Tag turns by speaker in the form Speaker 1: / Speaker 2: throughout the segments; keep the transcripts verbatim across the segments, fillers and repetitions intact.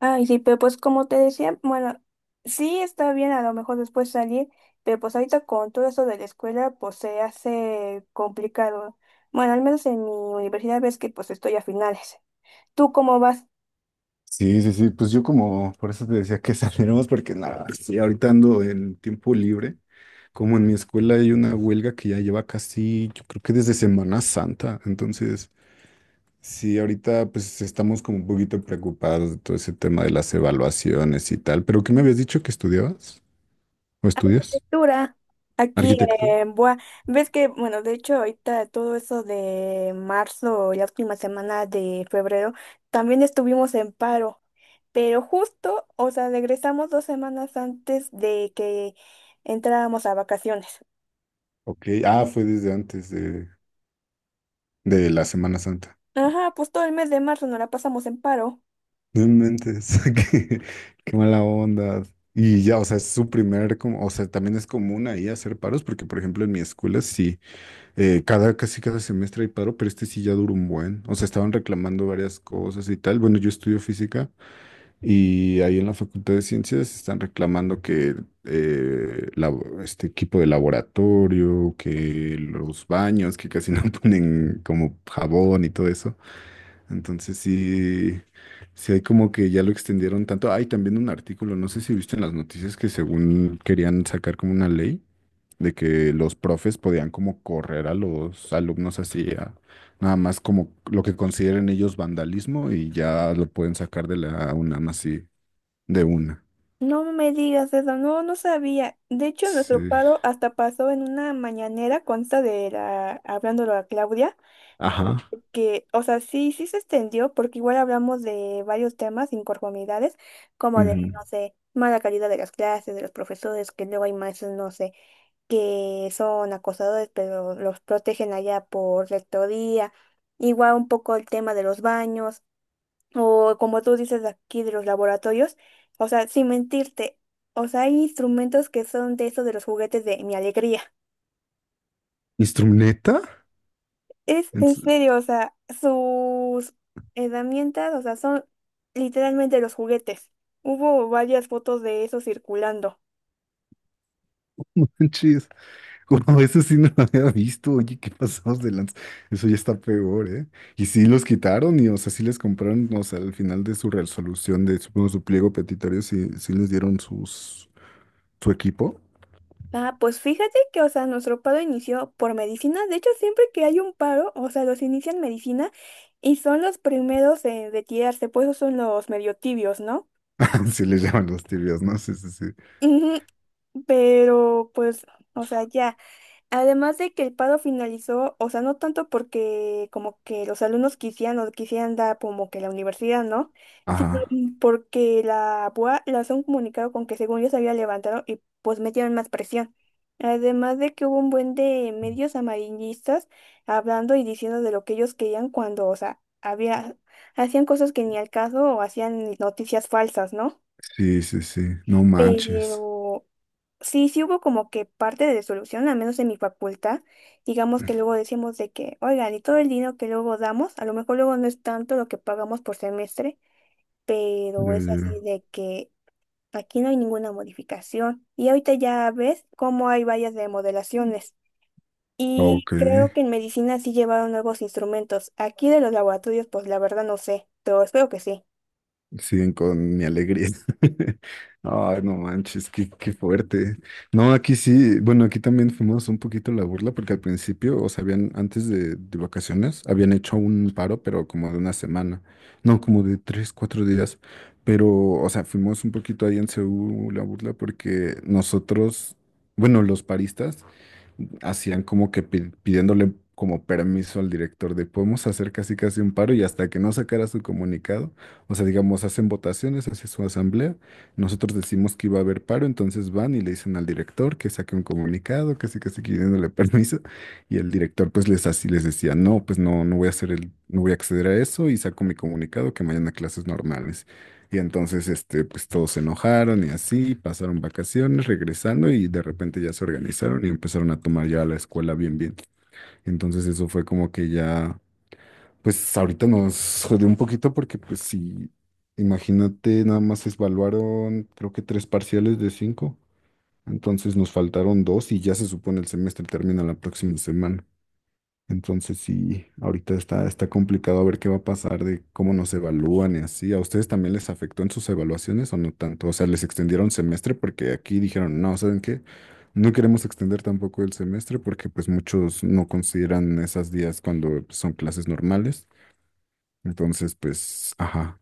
Speaker 1: Ay, sí, pero pues como te decía, bueno, sí está bien a lo mejor después salir, pero pues ahorita con todo eso de la escuela, pues se hace complicado. Bueno, al menos en mi universidad ves que pues estoy a finales. ¿Tú cómo vas?
Speaker 2: Sí, sí, sí, pues yo como, por eso te decía que saliéramos, porque nada, sí, ahorita ando en tiempo libre, como en mi escuela hay una huelga que ya lleva casi, yo creo que desde Semana Santa, entonces sí, ahorita pues estamos como un poquito preocupados de todo ese tema de las evaluaciones y tal, pero ¿qué me habías dicho que estudiabas o estudias?
Speaker 1: Dura. Aquí
Speaker 2: Arquitectura.
Speaker 1: en Boa, ves que, bueno, de hecho ahorita todo eso de marzo, la última semana de febrero, también estuvimos en paro, pero justo, o sea, regresamos dos semanas antes de que entráramos a vacaciones.
Speaker 2: Ok, ah, fue desde antes de, de la Semana Santa.
Speaker 1: Ajá, pues todo el mes de marzo nos la pasamos en paro.
Speaker 2: No inventes, qué, qué mala onda. Y ya, o sea, es su primer, como, o sea, también es común ahí hacer paros, porque por ejemplo en mi escuela sí, eh, cada, casi cada semestre hay paro, pero este sí ya duró un buen. O sea, estaban reclamando varias cosas y tal. Bueno, yo estudio física y ahí en la Facultad de Ciencias están reclamando que eh, labo- este equipo de laboratorio, que los baños, que casi no ponen como jabón y todo eso. Entonces sí, sí hay como que ya lo extendieron tanto. Hay también un artículo, no sé si viste en las noticias que según querían sacar como una ley de que los profes podían como correr a los alumnos así, a- nada más como lo que consideren ellos vandalismo y ya lo pueden sacar de la UNAM así, de una.
Speaker 1: No me digas eso, no, no sabía. De hecho, nuestro
Speaker 2: Sí.
Speaker 1: paro hasta pasó en una mañanera, consta de la, hablándolo a Claudia,
Speaker 2: Ajá.
Speaker 1: que, o sea, sí, sí se extendió, porque igual hablamos de varios temas, inconformidades, como de,
Speaker 2: Ujú.
Speaker 1: no sé, mala calidad de las clases, de los profesores, que luego hay maestros, no sé, que son acosadores, pero los protegen allá por rectoría. Igual un poco el tema de los baños, o como tú dices aquí de los laboratorios, o sea, sin mentirte, o sea, hay instrumentos que son de eso de los juguetes de Mi Alegría.
Speaker 2: ¿Instrumenta?
Speaker 1: Es
Speaker 2: En
Speaker 1: en serio, o sea, sus herramientas, o sea, son literalmente los juguetes. Hubo varias fotos de eso circulando.
Speaker 2: no manches. Wow, eso sí no lo había visto. Oye, qué pasados de lanza. Eso ya está peor, ¿eh? Y sí los quitaron y, o sea, sí les compraron, o sea, al final de su resolución de, supongo, su pliego petitorio, sí, sí les dieron sus, su equipo.
Speaker 1: Ah, pues fíjate que, o sea, nuestro paro inició por medicina. De hecho, siempre que hay un paro, o sea, los inician medicina y son los primeros en retirarse, pues esos son los medio tibios, ¿no?
Speaker 2: Sí les llaman los tibios, ¿no? Sí, sí, sí.
Speaker 1: Ujú. Pero pues, o sea, ya. Además de que el paro finalizó, o sea, no tanto porque como que los alumnos quisieran o quisieran dar como que la universidad, ¿no? Sino
Speaker 2: Ajá.
Speaker 1: porque la B U A lanzó un comunicado con que según ellos había levantado y pues metieron más presión. Además de que hubo un buen de medios amarillistas hablando y diciendo de lo que ellos querían cuando, o sea, había, hacían cosas que ni al caso o hacían noticias falsas, ¿no?
Speaker 2: Sí, sí, sí. No manches.
Speaker 1: Pero sí, sí hubo como que parte de solución, al menos en mi facultad. Digamos que luego decíamos de que, oigan, y todo el dinero que luego damos, a lo mejor luego no es tanto lo que pagamos por semestre, pero
Speaker 2: Ya,
Speaker 1: es así
Speaker 2: ya.
Speaker 1: de que aquí no hay ninguna modificación. Y ahorita ya ves cómo hay vallas de modelaciones. Y
Speaker 2: Ok.
Speaker 1: creo que en medicina sí llevaron nuevos instrumentos. Aquí de los laboratorios, pues la verdad no sé, pero espero que sí.
Speaker 2: Siguen con mi alegría. Ay, no manches, qué, qué fuerte. No, aquí sí, bueno, aquí también fuimos un poquito la burla porque al principio, o sea, habían, antes de, de vacaciones, habían hecho un paro, pero como de una semana, no, como de tres, cuatro días. Pero, o sea, fuimos un poquito ahí en Seúl la burla porque nosotros, bueno, los paristas, hacían como que pi- pidiéndole como permiso al director de podemos hacer casi casi un paro y hasta que no sacara su comunicado, o sea, digamos, hacen votaciones, hace su asamblea, nosotros decimos que iba a haber paro, entonces van y le dicen al director que saque un comunicado, casi casi pidiéndole permiso y el director pues les así les decía, "No, pues no no voy a hacer el no voy a acceder a eso y saco mi comunicado que mañana clases normales." Y entonces, este, pues todos se enojaron y así, pasaron vacaciones, regresando y de repente ya se organizaron y empezaron a tomar ya la escuela bien, bien. Entonces eso fue como que ya, pues ahorita nos jodió un poquito porque pues sí, imagínate, nada más evaluaron creo que tres parciales de cinco, entonces nos faltaron dos y ya se supone el semestre termina la próxima semana. Entonces sí, ahorita está, está complicado a ver qué va a pasar de cómo nos evalúan y así. ¿A ustedes también les afectó en sus evaluaciones o no tanto? O sea, les extendieron semestre porque aquí dijeron, no, ¿saben qué? No queremos extender tampoco el semestre porque pues muchos no consideran esos días cuando pues, son clases normales. Entonces, pues, ajá.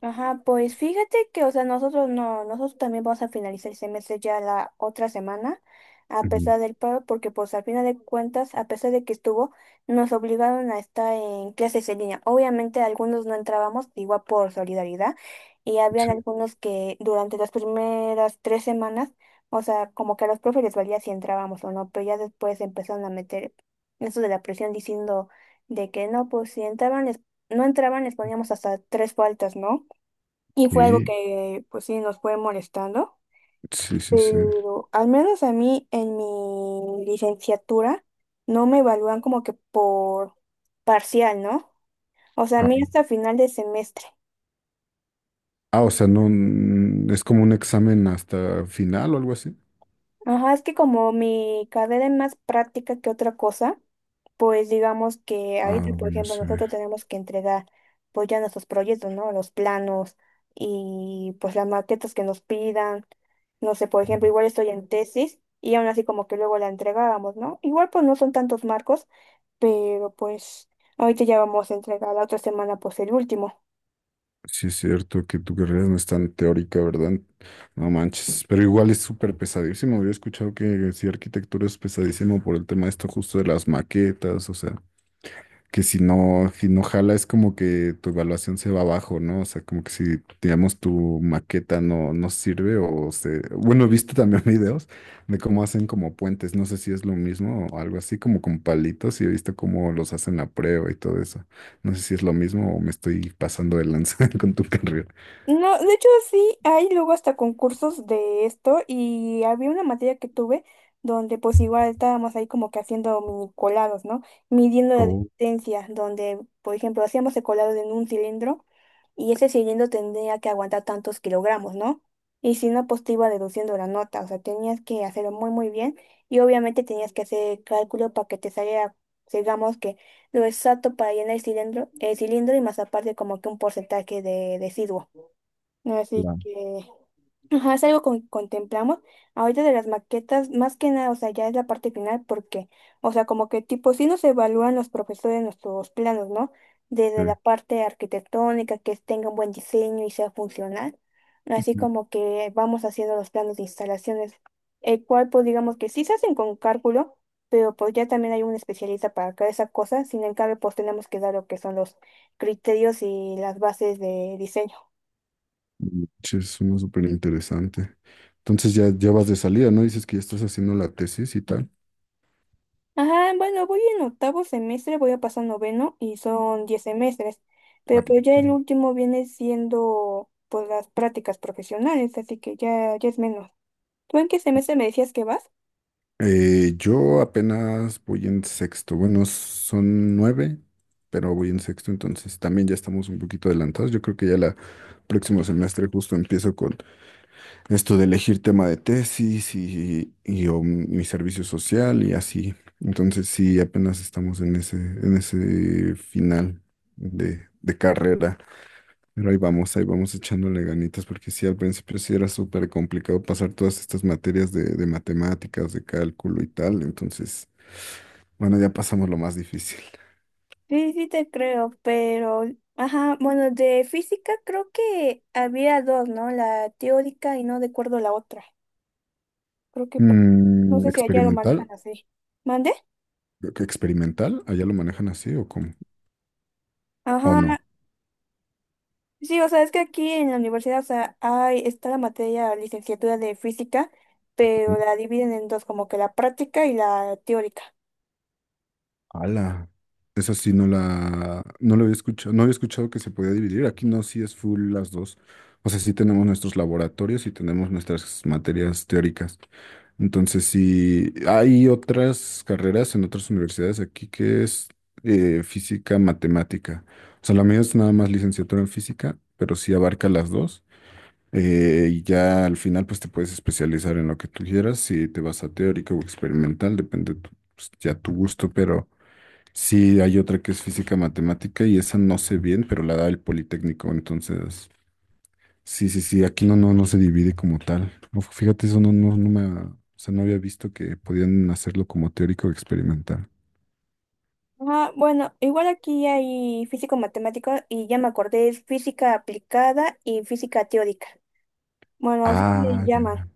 Speaker 1: Ajá, pues fíjate que, o sea, nosotros no, nosotros también vamos a finalizar el semestre ya la otra semana, a
Speaker 2: Ujú.
Speaker 1: pesar del paro, porque pues al final de cuentas, a pesar de que estuvo, nos obligaron a estar en clases en línea. Obviamente algunos no entrábamos, igual por solidaridad, y habían algunos que durante las primeras tres semanas, o sea, como que a los profes les valía si entrábamos o no, pero ya después empezaron a meter eso de la presión diciendo de que no, pues si entraban, les- no entraban, les poníamos hasta tres faltas, ¿no? Y fue algo
Speaker 2: Sí,
Speaker 1: que, pues sí, nos fue molestando,
Speaker 2: sí, sí, sí.
Speaker 1: pero al menos a mí en mi licenciatura no me evalúan como que por parcial, ¿no? O sea, a
Speaker 2: Ah,
Speaker 1: mí hasta final de semestre.
Speaker 2: ah, o sea, no, mm, es como un examen hasta final o algo así.
Speaker 1: Ajá, es que como mi carrera es más práctica que otra cosa, pues digamos que
Speaker 2: Ah,
Speaker 1: ahorita, por
Speaker 2: bueno,
Speaker 1: ejemplo,
Speaker 2: sí.
Speaker 1: nosotros tenemos que entregar pues ya nuestros proyectos, ¿no? Los planos y pues las maquetas que nos pidan. No sé, por ejemplo, igual estoy en tesis y aún así como que luego la entregábamos, ¿no? Igual pues no son tantos marcos, pero pues ahorita ya vamos a entregar la otra semana pues el último.
Speaker 2: Sí, es cierto que tu carrera no es tan teórica, ¿verdad? No manches, pero igual es súper pesadísimo. Había escuchado que sí, arquitectura es pesadísimo por el tema de esto justo de las maquetas, o sea, que si no, si no jala es como que tu evaluación se va abajo, ¿no? O sea, como que si, digamos, tu maqueta no, no sirve o se... Bueno, he visto también videos de cómo hacen como puentes, no sé si es lo mismo o algo así, como con palitos y he visto cómo los hacen a prueba y todo eso. No sé si es lo mismo o me estoy pasando de lanza con tu carrera.
Speaker 1: No, de hecho sí, hay luego hasta concursos de esto y había una materia que tuve donde pues igual estábamos ahí como que haciendo mini colados, ¿no? Midiendo la
Speaker 2: Oh,
Speaker 1: distancia, donde por ejemplo hacíamos el colado en un cilindro y ese cilindro tendría que aguantar tantos kilogramos, ¿no? Y si no, pues te iba deduciendo la nota, o sea, tenías que hacerlo muy muy bien y obviamente tenías que hacer cálculo para que te saliera, digamos que lo exacto para llenar el cilindro, el cilindro y más aparte como que un porcentaje de residuo. Así
Speaker 2: ya.
Speaker 1: que ajá, es algo que contemplamos. Ahorita de las maquetas, más que nada, o sea, ya es la parte final porque, o sea, como que tipo, sí nos evalúan los profesores nuestros planos, ¿no? Desde
Speaker 2: Sí.
Speaker 1: la parte arquitectónica, que tenga un buen diseño y sea funcional, así como que vamos haciendo los planos de instalaciones, el cual, pues digamos que sí se hacen con cálculo, pero pues ya también hay un especialista para cada esa cosa, sin embargo, pues tenemos que dar lo que son los criterios y las bases de diseño.
Speaker 2: Es uno súper interesante. Entonces ya, ya vas de salida, ¿no? Dices que ya estás haciendo la tesis y tal.
Speaker 1: Ajá, bueno, voy en octavo semestre, voy a pasar noveno y son diez semestres,
Speaker 2: Ah,
Speaker 1: pero pues ya el
Speaker 2: ok.
Speaker 1: último viene siendo pues las prácticas profesionales, así que ya, ya es menos. ¿Tú en qué semestre me decías que vas?
Speaker 2: Eh, yo apenas voy en sexto. Bueno, son nueve, pero voy en sexto, entonces también ya estamos un poquito adelantados. Yo creo que ya la próximo semestre justo empiezo con esto de elegir tema de tesis y, y o mi servicio social y así. Entonces sí, apenas estamos en ese, en ese final de, de carrera. Pero ahí vamos, ahí vamos echándole ganitas, porque sí, al principio sí era súper complicado pasar todas estas materias de, de matemáticas, de cálculo y tal. Entonces, bueno, ya pasamos lo más difícil.
Speaker 1: Sí, sí te creo, pero, ajá, bueno, de física creo que había dos, ¿no? La teórica y no recuerdo la otra. Creo que pa- no
Speaker 2: Mm,
Speaker 1: sé si allá lo
Speaker 2: experimental,
Speaker 1: manejan así. ¿Mande?
Speaker 2: creo que experimental, allá lo manejan así o cómo, o
Speaker 1: Ajá,
Speaker 2: no.
Speaker 1: sí, o sea, es que aquí en la universidad, o sea, hay, está la materia licenciatura de física, pero la dividen en dos, como que la práctica y la teórica.
Speaker 2: Ala, esa sí no la, no lo había escuchado, no había escuchado que se podía dividir. Aquí no, sí es full las dos. O sea, sí tenemos nuestros laboratorios y tenemos nuestras materias teóricas. Entonces, sí, hay otras carreras en otras universidades aquí que es eh, física, matemática. O sea, la mía es nada más licenciatura en física, pero sí abarca las dos. Eh, y ya al final, pues te puedes especializar en lo que tú quieras, si te vas a teórica o experimental, depende tu- pues, ya tu gusto, pero... Sí, hay otra que es física matemática y esa no sé bien, pero la da el Politécnico, entonces, sí, sí, sí, aquí no, no, no se divide como tal. Uf, fíjate, eso no, no, no me, ha- o sea, no había visto que podían hacerlo como teórico o experimental.
Speaker 1: Ah, bueno, igual aquí hay físico matemático y ya me acordé, es física aplicada y física teórica. Bueno, así le
Speaker 2: Ah, ya,
Speaker 1: llaman.
Speaker 2: ya.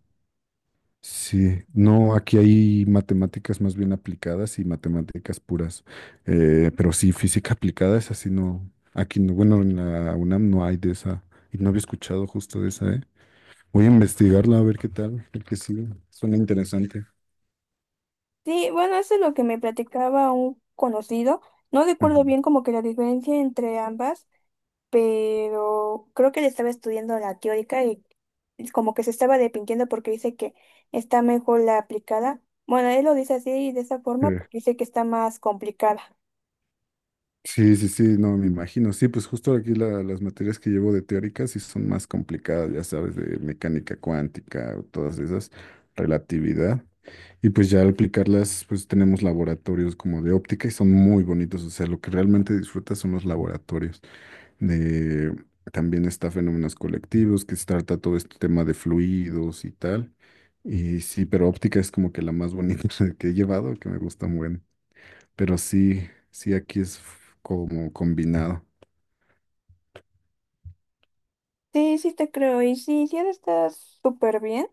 Speaker 2: Sí, no, aquí hay matemáticas más bien aplicadas y matemáticas puras, eh, pero sí, física aplicada es así, no, aquí no, bueno, en la UNAM no hay de esa, y no había escuchado justo de esa, ¿eh? Voy a investigarla a ver qué tal, porque sí, suena interesante.
Speaker 1: Sí, bueno, eso es lo que me platicaba un conocido. No recuerdo
Speaker 2: Ujú.
Speaker 1: bien como que la diferencia entre ambas, pero creo que le estaba estudiando la teórica y como que se estaba arrepintiendo porque dice que está mejor la aplicada. Bueno, él lo dice así de esa
Speaker 2: Sí.
Speaker 1: forma porque dice que está más complicada.
Speaker 2: Sí, sí, sí, no, me imagino. Sí, pues justo aquí la- las materias que llevo de teóricas sí son más complicadas, ya sabes, de mecánica cuántica, o todas esas, relatividad. Y pues ya al aplicarlas, pues tenemos laboratorios como de óptica y son muy bonitos. O sea, lo que realmente disfrutas son los laboratorios. De, también está fenómenos colectivos, que se trata todo este tema de fluidos y tal. Y sí, pero óptica es como que la más bonita que he llevado, que me gusta mucho. Pero sí, sí, aquí es f- como combinado.
Speaker 1: Sí, sí te creo. Y sí, sí ahora está súper bien.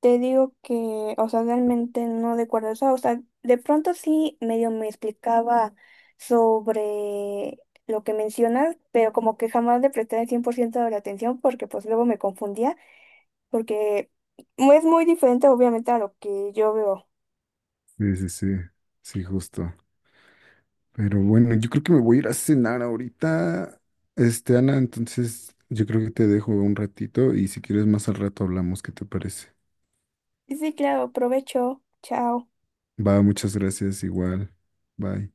Speaker 1: Te digo que, o sea, realmente no recuerdo eso. O sea, de pronto sí medio me explicaba sobre lo que mencionas, pero como que jamás le presté el cien por ciento de la atención porque pues luego me confundía, porque es muy diferente obviamente a lo que yo veo.
Speaker 2: Sí, sí, sí, sí, justo. Pero bueno, yo creo que me voy a ir a cenar ahorita, este, Ana, entonces yo creo que te dejo un ratito y si quieres más al rato hablamos, ¿qué te parece?
Speaker 1: Sí, sí, claro, provecho. Chao.
Speaker 2: Va, muchas gracias, igual. Bye.